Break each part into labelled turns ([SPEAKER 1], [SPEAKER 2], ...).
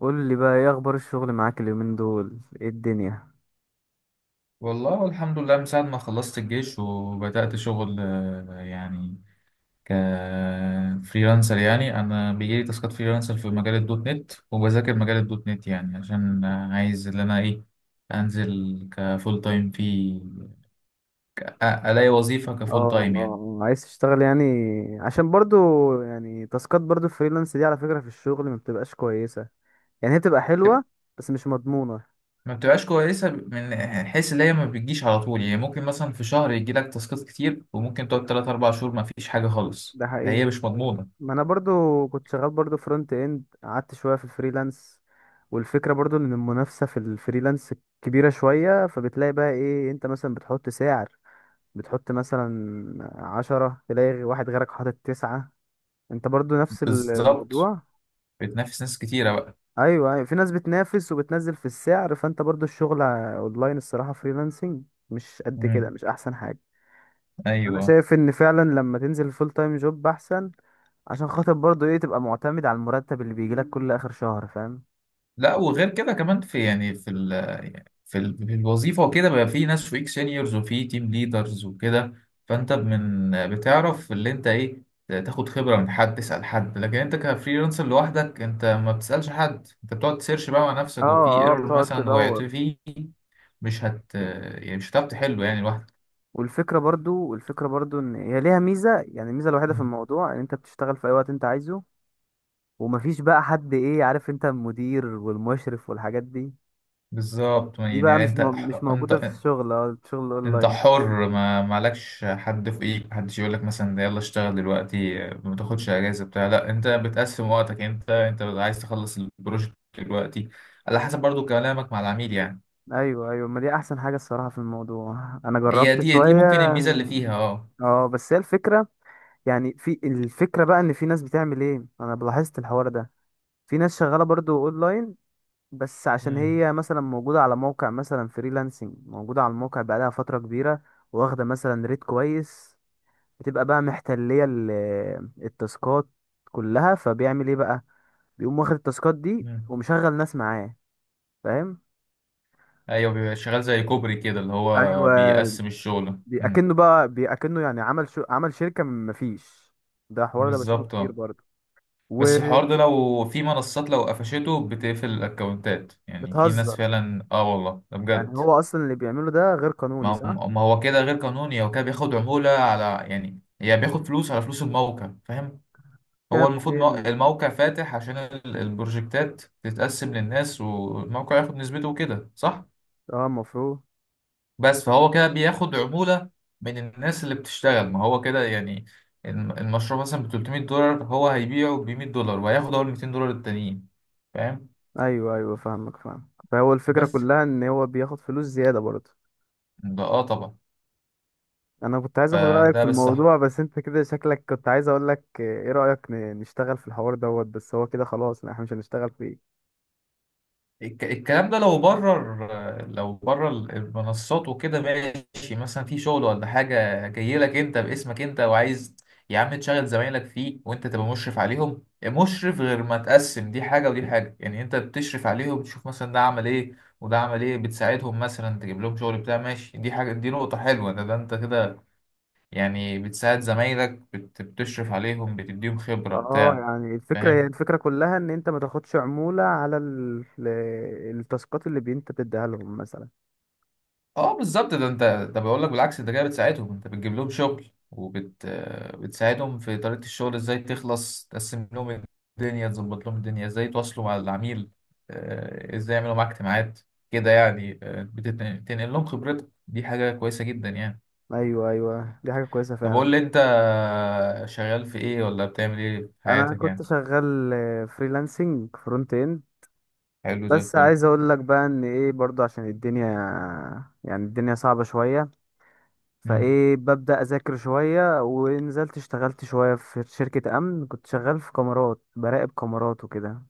[SPEAKER 1] قول لي بقى ايه اخبار الشغل معاك اليومين دول ايه الدنيا؟
[SPEAKER 2] والله الحمد لله من ساعة ما خلصت الجيش وبدأت شغل، يعني كفريلانسر. يعني أنا بيجيلي تاسكات فريلانسر في مجال الدوت نت، وبذاكر مجال الدوت نت يعني عشان عايز إن أنا إيه أنزل كفول تايم في ألاقي وظيفة كفول تايم يعني.
[SPEAKER 1] عايز تشتغل يعني، عشان برضو يعني تاسكات برضو الفريلانس دي على فكرة في الشغل ما بتبقاش كويسة. يعني هي بتبقى
[SPEAKER 2] تب-
[SPEAKER 1] حلوة بس مش مضمونة.
[SPEAKER 2] ما بتبقاش كويسة من حيث اللي هي ما بتجيش على طول. يعني ممكن مثلا في شهر يجيلك تاسكات كتير، وممكن تقعد تلات أربع شهور ما فيش حاجة خالص.
[SPEAKER 1] ده
[SPEAKER 2] هي
[SPEAKER 1] حقيقي،
[SPEAKER 2] مش مضمونة.
[SPEAKER 1] ما انا برضو كنت شغال برضو فرونت اند، قعدت شوية في الفريلانس، والفكرة برضو ان المنافسة في الفريلانس كبيرة شوية. فبتلاقي بقى ايه، انت مثلا بتحط سعر، بتحط مثلا عشرة، تلاقي واحد غيرك حاطط تسعة، انت برضو نفس
[SPEAKER 2] بالظبط،
[SPEAKER 1] الموضوع.
[SPEAKER 2] بتنافس ناس كتيرة.
[SPEAKER 1] ايوه ايوه، في ناس بتنافس وبتنزل في السعر، فانت برضو الشغل اونلاين الصراحه فريلانسنج مش قد
[SPEAKER 2] بقى،
[SPEAKER 1] كده، مش احسن حاجه. انا
[SPEAKER 2] ايوه.
[SPEAKER 1] شايف ان فعلا لما تنزل فول تايم جوب احسن، عشان خاطر برضو ايه تبقى معتمد على المرتب اللي بيجيلك كل اخر شهر، فاهم؟
[SPEAKER 2] لا وغير كده كمان في يعني في ال في, ال في الوظيفه وكده، بقى في ناس فوقيك سينيورز وفي تيم ليدرز وكده. فانت من بتعرف اللي انت ايه، تاخد خبره من حد، تسال حد. لكن انت كفريلانسر لوحدك، انت ما بتسالش حد، انت بتقعد تسيرش بقى مع نفسك. وفي
[SPEAKER 1] اه اه،
[SPEAKER 2] ايرور
[SPEAKER 1] بتقعد
[SPEAKER 2] مثلا وقعت
[SPEAKER 1] تدور.
[SPEAKER 2] فيه، مش هتعرف تحله يعني لوحدك.
[SPEAKER 1] والفكره برضو ان هي ليها ميزه. يعني الميزه الوحيده في
[SPEAKER 2] مم.
[SPEAKER 1] الموضوع ان انت بتشتغل في اي وقت انت عايزه، ومفيش بقى حد، ايه، عارف انت المدير والمشرف والحاجات دي.
[SPEAKER 2] بالظبط
[SPEAKER 1] دي بقى
[SPEAKER 2] يعني انت،
[SPEAKER 1] مش
[SPEAKER 2] انت
[SPEAKER 1] موجودة في الشغل، اه الشغل
[SPEAKER 2] انت
[SPEAKER 1] اونلاين.
[SPEAKER 2] حر، ما مالكش حد في ايدك، محدش يقول لك مثلا ده يلا اشتغل دلوقتي، ما تاخدش اجازه بتاع، لا، انت بتقسم وقتك، انت عايز تخلص البروجكت دلوقتي على حسب برضو كلامك مع العميل يعني.
[SPEAKER 1] ايوه ايوه، ما دي احسن حاجة الصراحة في الموضوع، انا
[SPEAKER 2] هي
[SPEAKER 1] جربت
[SPEAKER 2] دي، دي
[SPEAKER 1] شوية.
[SPEAKER 2] ممكن الميزه اللي فيها، اه.
[SPEAKER 1] اه بس هي الفكرة، يعني في الفكرة بقى ان في ناس بتعمل ايه، انا لاحظت الحوار ده. في ناس شغالة برضو اونلاين بس عشان
[SPEAKER 2] امم.
[SPEAKER 1] هي مثلا موجودة على موقع مثلا فريلانسنج، موجودة على الموقع بقالها فترة كبيرة، واخدة مثلا ريت كويس، بتبقى بقى محتلية التاسكات كلها. فبيعمل ايه بقى، بيقوم واخد التاسكات دي
[SPEAKER 2] امم.
[SPEAKER 1] ومشغل ناس معاه، فاهم؟
[SPEAKER 2] ايوه، بيبقى شغال زي كوبري كده، اللي هو
[SPEAKER 1] ايوه
[SPEAKER 2] بيقسم الشغل. امم.
[SPEAKER 1] اكنه يعني عمل عمل شركه من مفيش. ده حوار ده بشوفه
[SPEAKER 2] بالظبط،
[SPEAKER 1] كتير
[SPEAKER 2] اه.
[SPEAKER 1] برضه.
[SPEAKER 2] بس الحوار ده لو في منصات لو قفشته بتقفل الاكونتات، يعني في ناس
[SPEAKER 1] وبتهزر،
[SPEAKER 2] فعلا، اه والله ده
[SPEAKER 1] يعني
[SPEAKER 2] بجد.
[SPEAKER 1] هو اصلا اللي بيعمله ده غير قانوني،
[SPEAKER 2] ما
[SPEAKER 1] صح؟
[SPEAKER 2] ما هو كده غير قانوني، هو كده بياخد عمولة على، يعني هي بياخد فلوس على فلوس الموقع، فاهم. هو
[SPEAKER 1] كده
[SPEAKER 2] المفروض
[SPEAKER 1] بيل.
[SPEAKER 2] الموقع فاتح عشان البروجكتات تتقسم للناس والموقع ياخد نسبته وكده، صح؟
[SPEAKER 1] اه المفروض.
[SPEAKER 2] بس فهو كده بياخد عمولة من الناس اللي بتشتغل. ما هو كده يعني المشروع مثلا ب 300 دولار، هو هيبيعه ب 100 دولار، وهياخد هو ال 200 دولار التانيين، فاهم.
[SPEAKER 1] ايوه ايوه فاهمك، فاهم، فهو الفكره
[SPEAKER 2] بس
[SPEAKER 1] كلها ان هو بياخد فلوس زياده برضه.
[SPEAKER 2] ده، اه، طبعا.
[SPEAKER 1] انا كنت عايز اخد رايك في
[SPEAKER 2] فده بالصح،
[SPEAKER 1] الموضوع، بس انت كده شكلك، كنت عايز اقول لك ايه رايك نشتغل في الحوار دوت، بس هو كده خلاص احنا مش هنشتغل فيه.
[SPEAKER 2] الكلام ده لو بره لو بره المنصات وكده، ماشي، مثلا في شغل ولا حاجة جاي لك انت باسمك انت، وعايز يا عم تشغل زمايلك فيه وانت تبقى مشرف عليهم. مشرف، غير ما تقسم، دي حاجة ودي حاجة. يعني انت بتشرف عليهم، تشوف مثلا ده عمل ايه وده عمل ايه، بتساعدهم مثلا تجيب لهم شغل بتاع، ماشي، دي حاجة، دي نقطة حلوة. ده, ده انت كده يعني بتساعد زمايلك، بتشرف عليهم، بتديهم خبرة
[SPEAKER 1] اه
[SPEAKER 2] بتاع،
[SPEAKER 1] يعني الفكرة، هي
[SPEAKER 2] فاهم.
[SPEAKER 1] الفكرة كلها ان انت ما تاخدش عمولة على التاسكات اللي انت بتديها لهم مثلا.
[SPEAKER 2] اه بالظبط، ده انت، ده بقول لك بالعكس، انت كده بتساعدهم، انت بتجيب لهم شغل وبت آه، بتساعدهم في طريقة الشغل، ازاي تخلص، تقسم لهم الدنيا، تظبط لهم الدنيا، ازاي يتواصلوا مع العميل، ازاي يعملوا معاك اجتماعات كده يعني. بتنقل لهم خبرتك، دي حاجة كويسة جدا يعني.
[SPEAKER 1] ايوه ايوه، دي حاجة كويسة
[SPEAKER 2] طب
[SPEAKER 1] فعلا.
[SPEAKER 2] قول لي انت، شغال في ايه ولا بتعمل ايه في
[SPEAKER 1] انا
[SPEAKER 2] حياتك
[SPEAKER 1] كنت
[SPEAKER 2] يعني.
[SPEAKER 1] شغال فريلانسنج فرونت اند،
[SPEAKER 2] حلو زي
[SPEAKER 1] بس
[SPEAKER 2] الفل.
[SPEAKER 1] عايز اقول لك بقى ان ايه برضه، عشان الدنيا يعني الدنيا صعبة شوية.
[SPEAKER 2] امم.
[SPEAKER 1] فايه، ببدأ اذاكر شوية، ونزلت اشتغلت شوية في شركة امن، كنت شغال في كاميرات، براقب كاميرات وكده.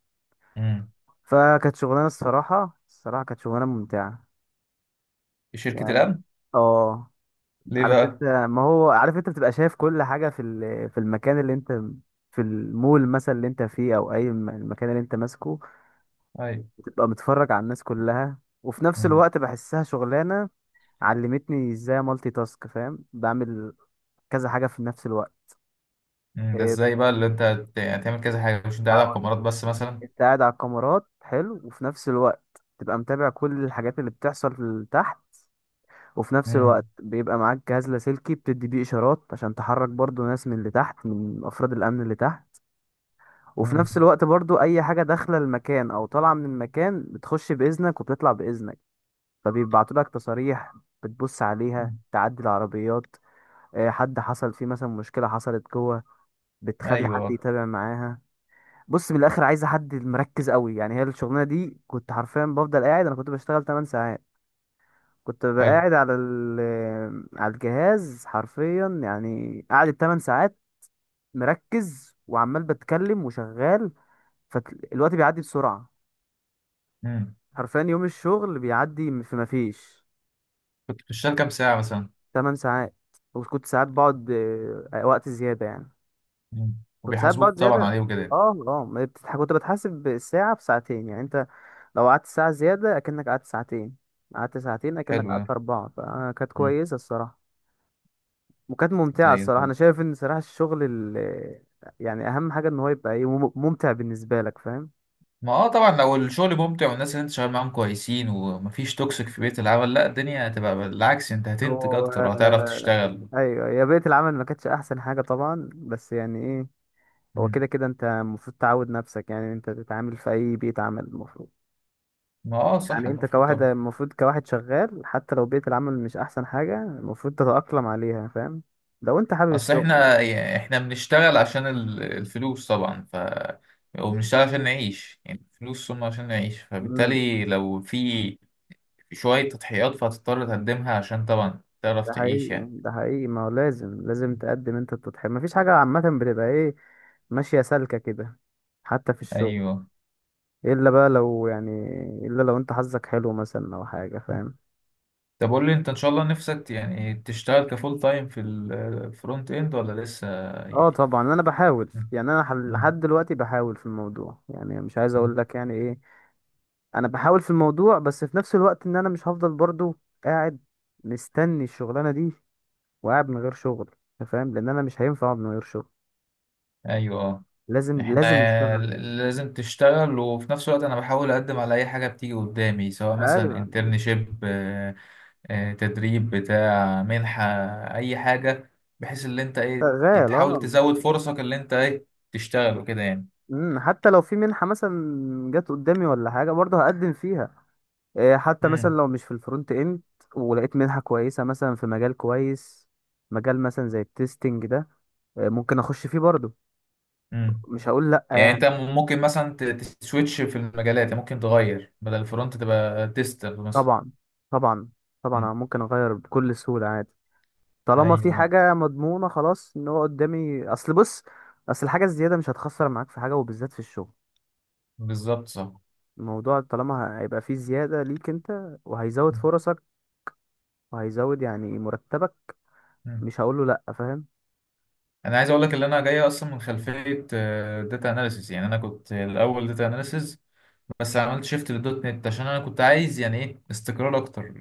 [SPEAKER 2] امم.
[SPEAKER 1] فكانت شغلانة، الصراحة الصراحة كانت شغلانة ممتعة
[SPEAKER 2] شركة
[SPEAKER 1] يعني.
[SPEAKER 2] الأمن.
[SPEAKER 1] اه،
[SPEAKER 2] ليه
[SPEAKER 1] عارف انت،
[SPEAKER 2] بقى؟
[SPEAKER 1] ما هو عارف انت بتبقى شايف كل حاجة في في المكان اللي انت، في المول مثلا اللي انت فيه، او اي المكان اللي انت ماسكه.
[SPEAKER 2] ايوه.
[SPEAKER 1] بتبقى متفرج على الناس كلها، وفي نفس الوقت بحسها شغلانة علمتني ازاي مالتي تاسك، فاهم؟ بعمل كذا حاجة في نفس الوقت.
[SPEAKER 2] مم، ده
[SPEAKER 1] إيه،
[SPEAKER 2] ازاي بقى اللي انت يعني تعمل كذا حاجة، مش انت قاعد على
[SPEAKER 1] هقول لك.
[SPEAKER 2] الكاميرات بس مثلا.
[SPEAKER 1] انت قاعد على الكاميرات، حلو، وفي نفس الوقت تبقى متابع كل الحاجات اللي بتحصل تحت. وفي نفس
[SPEAKER 2] مم،
[SPEAKER 1] الوقت بيبقى معاك جهاز لاسلكي بتدي بيه اشارات عشان تحرك برضو ناس من اللي تحت، من افراد الامن اللي تحت. وفي
[SPEAKER 2] مم،
[SPEAKER 1] نفس الوقت برضو اي حاجة داخلة المكان او طالعة من المكان بتخش باذنك وبتطلع باذنك. فبيبعتوا لك تصاريح، بتبص عليها،
[SPEAKER 2] مم.
[SPEAKER 1] تعدي العربيات. حد حصل فيه مثلا مشكلة حصلت جوه، بتخلي حد
[SPEAKER 2] ايوه.
[SPEAKER 1] يتابع معاها. بص، من الاخر عايزة حد مركز قوي. يعني هي الشغلانة دي كنت حرفيا بفضل قاعد، انا كنت بشتغل 8 ساعات، كنت ببقى
[SPEAKER 2] حلو.
[SPEAKER 1] قاعد على ال آه، على الجهاز حرفيا، يعني قاعد 8 ساعات مركز وعمال بتكلم وشغال. فالوقت بيعدي بسرعة،
[SPEAKER 2] مم.
[SPEAKER 1] حرفيا يوم الشغل بيعدي في مفيش.
[SPEAKER 2] كنت بتشتغل كام ساعة مثلا؟
[SPEAKER 1] 8 ساعات، وكنت ساعات بقعد وقت زيادة يعني،
[SPEAKER 2] مم.
[SPEAKER 1] كنت ساعات
[SPEAKER 2] وبيحاسبوك
[SPEAKER 1] بقعد
[SPEAKER 2] طبعا
[SPEAKER 1] زيادة.
[SPEAKER 2] عليه وكده.
[SPEAKER 1] اه اه ما بتتح- كنت بتحاسب بالساعة بساعتين، يعني انت لو قعدت ساعة زيادة اكنك قعدت ساعتين، قعدت ساعتين اكنك
[SPEAKER 2] حلو
[SPEAKER 1] قعدت
[SPEAKER 2] ده.
[SPEAKER 1] أربعة، فكانت
[SPEAKER 2] مم.
[SPEAKER 1] كويسة الصراحة. وكانت ممتعة
[SPEAKER 2] زي
[SPEAKER 1] الصراحة. أنا
[SPEAKER 2] الفل.
[SPEAKER 1] شايف إن صراحة الشغل يعني أهم حاجة إن هو يبقى ممتع بالنسبة لك، فاهم؟
[SPEAKER 2] ما اه طبعا، لو الشغل ممتع والناس اللي انت شغال معاهم كويسين ومفيش توكسيك في بيئة العمل، لا، الدنيا هتبقى بالعكس، انت هتنتج
[SPEAKER 1] هو
[SPEAKER 2] اكتر وهتعرف تشتغل.
[SPEAKER 1] أيوة يا بيئة العمل، ما كانتش أحسن حاجة طبعا، بس يعني هو
[SPEAKER 2] مم.
[SPEAKER 1] كده كده انت المفروض تعود نفسك، يعني انت تتعامل في اي بيئة عمل المفروض.
[SPEAKER 2] ما اه، صح،
[SPEAKER 1] يعني انت
[SPEAKER 2] المفروض
[SPEAKER 1] كواحد،
[SPEAKER 2] طبعا.
[SPEAKER 1] المفروض كواحد شغال، حتى لو بيئة العمل مش احسن حاجة المفروض تتأقلم عليها، فاهم؟ لو انت حابب
[SPEAKER 2] اصل
[SPEAKER 1] الشغل يعني.
[SPEAKER 2] احنا بنشتغل عشان الفلوس طبعا، ف، وبنشتغل عشان نعيش. يعني الفلوس ثم عشان نعيش،
[SPEAKER 1] امم،
[SPEAKER 2] فبالتالي لو في شوية تضحيات فهتضطر تقدمها عشان طبعا تعرف
[SPEAKER 1] ده حقيقي
[SPEAKER 2] تعيش يعني.
[SPEAKER 1] يعني، ده حقيقي، ما هو لازم، لازم تقدم انت التضحية، مفيش حاجة عامة بتبقى ايه ماشية سالكة كده، حتى في الشغل.
[SPEAKER 2] ايوه.
[SPEAKER 1] الا بقى لو يعني، الا لو انت حظك حلو مثلا او حاجة، فاهم؟
[SPEAKER 2] طب قول لي انت، ان شاء الله نفسك يعني تشتغل كفول تايم في الفرونت اند ولا لسه
[SPEAKER 1] اه
[SPEAKER 2] يعني؟
[SPEAKER 1] طبعا انا بحاول
[SPEAKER 2] م-
[SPEAKER 1] يعني،
[SPEAKER 2] م-
[SPEAKER 1] لحد دلوقتي بحاول في الموضوع، يعني مش عايز
[SPEAKER 2] م.
[SPEAKER 1] اقول لك يعني ايه. انا بحاول في الموضوع، بس في نفس الوقت ان انا مش هفضل برضو قاعد مستني الشغلانه دي، وقاعد من غير شغل. أنت فاهم، لان انا مش هينفع اقعد من غير شغل،
[SPEAKER 2] ايوه.
[SPEAKER 1] لازم
[SPEAKER 2] احنا
[SPEAKER 1] لازم اشتغل.
[SPEAKER 2] لازم تشتغل، وفي نفس الوقت انا بحاول اقدم على اي حاجه بتيجي قدامي، سواء مثلا
[SPEAKER 1] ايوه
[SPEAKER 2] انترنشيب، تدريب بتاع، منحة، أي حاجة، بحيث إن أنت إيه
[SPEAKER 1] شغال
[SPEAKER 2] تحاول
[SPEAKER 1] اه.
[SPEAKER 2] تزود فرصك اللي أنت إيه تشتغل وكده يعني.
[SPEAKER 1] امم، حتى لو في منحه مثلا جت قدامي ولا حاجه برضه هقدم فيها. حتى مثلا
[SPEAKER 2] امم.
[SPEAKER 1] لو مش في الفرونت اند، ولقيت منحه كويسه مثلا في مجال كويس، مجال مثلا زي التستنج ده، ممكن اخش فيه برضه،
[SPEAKER 2] امم.
[SPEAKER 1] مش هقول لا
[SPEAKER 2] يعني
[SPEAKER 1] يعني.
[SPEAKER 2] أنت ممكن مثلا تسويتش في المجالات، يعني ممكن تغير بدل الفرونت تبقى تيستر مثلا.
[SPEAKER 1] طبعا طبعا طبعا، أنا
[SPEAKER 2] مم.
[SPEAKER 1] ممكن اغير بكل سهوله عادي. طالما في
[SPEAKER 2] أيوه.
[SPEAKER 1] حاجة مضمونة خلاص ان هو قدامي، اصل بص، اصل الحاجة الزيادة مش هتخسر معاك في حاجة، وبالذات في الشغل.
[SPEAKER 2] بالظبط، صح.
[SPEAKER 1] الموضوع طالما هيبقى فيه زيادة ليك انت، وهيزود
[SPEAKER 2] مم.
[SPEAKER 1] فرصك، وهيزود يعني مرتبك،
[SPEAKER 2] مم.
[SPEAKER 1] مش هقوله لأ، فاهم؟
[SPEAKER 2] أنا عايز أقول لك إن أنا جاي أصلا من خلفية داتا أناليسيس. يعني أنا كنت الأول داتا أناليسيس، بس عملت شيفت للدوت نت عشان أنا كنت عايز يعني إيه استقرار أكتر.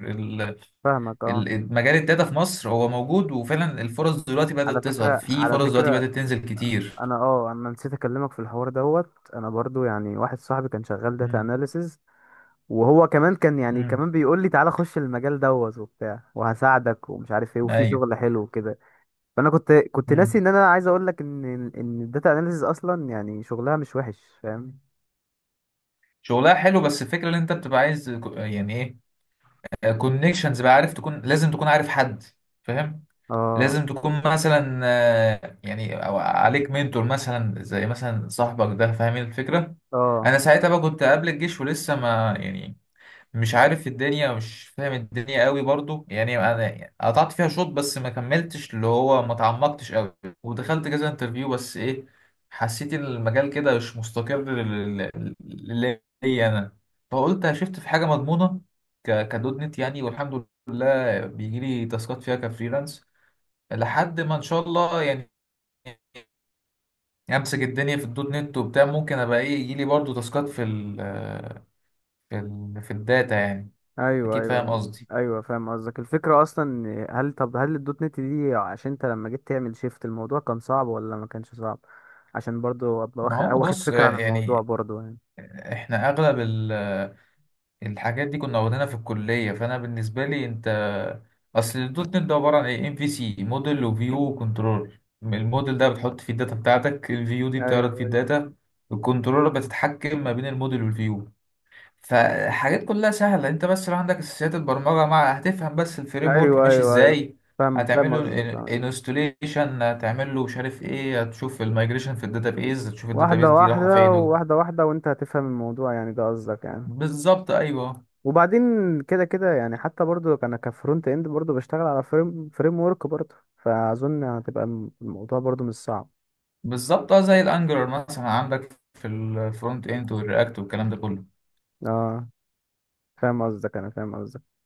[SPEAKER 1] فاهمك اه.
[SPEAKER 2] مجال الداتا في مصر هو موجود، وفعلا الفرص دلوقتي
[SPEAKER 1] على
[SPEAKER 2] بدأت تظهر،
[SPEAKER 1] فكرة
[SPEAKER 2] في
[SPEAKER 1] على
[SPEAKER 2] فرص دلوقتي
[SPEAKER 1] فكرة،
[SPEAKER 2] بدأت تنزل كتير.
[SPEAKER 1] انا اه انا نسيت اكلمك في الحوار دوت، انا برضو يعني واحد صاحبي كان شغال داتا
[SPEAKER 2] مم.
[SPEAKER 1] اناليسز، وهو كمان كان يعني
[SPEAKER 2] مم.
[SPEAKER 1] كمان بيقول لي تعالى خش المجال دوت وبتاع، وهساعدك ومش عارف ايه، وفي
[SPEAKER 2] ايوه.
[SPEAKER 1] شغل حلو وكده. فانا كنت ناسي
[SPEAKER 2] مم.
[SPEAKER 1] ان انا عايز اقول لك ان، ان الداتا اناليسيز اصلا يعني شغلها مش وحش، فاهم؟
[SPEAKER 2] شغلها حلو، بس الفكرة ان انت بتبقى عايز كو- يعني ايه كونكشنز بقى، عارف، تكون لازم تكون عارف حد، فاهم.
[SPEAKER 1] اه
[SPEAKER 2] لازم تكون مثلا يعني أو عليك منتور مثلا، زي مثلا صاحبك ده، فاهمين الفكرة.
[SPEAKER 1] اه.
[SPEAKER 2] انا ساعتها بقى كنت قبل الجيش ولسه ما يعني، مش عارف الدنيا، مش فاهم الدنيا قوي برضو. يعني انا قطعت فيها شوط بس ما كملتش، اللي هو ما تعمقتش قوي، ودخلت كذا انترفيو، بس ايه، حسيت إن المجال كده مش مستقر ليا انا. فقلت شفت في حاجه مضمونه كدوت نت يعني، والحمد لله بيجي لي تاسكات فيها كفريلانس، لحد ما ان شاء الله يعني امسك الدنيا في الدوت نت وبتاع، ممكن ابقى ايه، يجي لي برضو تاسكات في ال في الداتا يعني.
[SPEAKER 1] ايوه
[SPEAKER 2] اكيد، فاهم
[SPEAKER 1] ايوه
[SPEAKER 2] قصدي.
[SPEAKER 1] ايوه، فاهم قصدك. الفكره اصلا هل، طب هل الدوت نت دي عشان انت لما جيت تعمل شيفت، الموضوع كان صعب ولا ما كانش صعب؟ عشان برضو ابقى
[SPEAKER 2] ما
[SPEAKER 1] واخد،
[SPEAKER 2] هو
[SPEAKER 1] واخد
[SPEAKER 2] بص،
[SPEAKER 1] فكره عن الموضوع
[SPEAKER 2] يعني
[SPEAKER 1] برضو يعني.
[SPEAKER 2] احنا اغلب الحاجات دي كنا واخدينها في الكليه. فانا بالنسبه لي انت، اصل الدوت نت ده عباره عن ايه، ام في سي، موديل وفيو وكنترول. الموديل ده بتحط فيه الداتا بتاعتك، الفيو دي بتعرض فيه
[SPEAKER 1] ايوه ايوه
[SPEAKER 2] الداتا، الكنترولر بتتحكم ما بين الموديل والفيو. فحاجات كلها سهله، انت بس لو عندك اساسيات البرمجه مع هتفهم بس الفريم ورك
[SPEAKER 1] ايوه
[SPEAKER 2] ماشي
[SPEAKER 1] ايوه ايوه،
[SPEAKER 2] ازاي.
[SPEAKER 1] فاهم
[SPEAKER 2] هتعمل
[SPEAKER 1] فاهم
[SPEAKER 2] له
[SPEAKER 1] قصدك آه.
[SPEAKER 2] انستوليشن، هتعمل له مش عارف ايه، هتشوف المايجريشن في الداتابيز، هتشوف
[SPEAKER 1] واحده
[SPEAKER 2] الداتابيز دي
[SPEAKER 1] واحده
[SPEAKER 2] رايحه فين.
[SPEAKER 1] وواحده واحده، وانت هتفهم الموضوع، يعني ده قصدك يعني.
[SPEAKER 2] بالظبط، ايوه.
[SPEAKER 1] وبعدين كده كده، يعني حتى برضو انا كفرونت اند برضو بشتغل على فريم ورك برضو، فاظن هتبقى الموضوع برضو مش صعب.
[SPEAKER 2] بالظبط اه، زي الانجلر مثلا عندك في الفرونت اند والرياكت والكلام ده كله.
[SPEAKER 1] اه، فاهم قصدك، انا فاهم قصدك.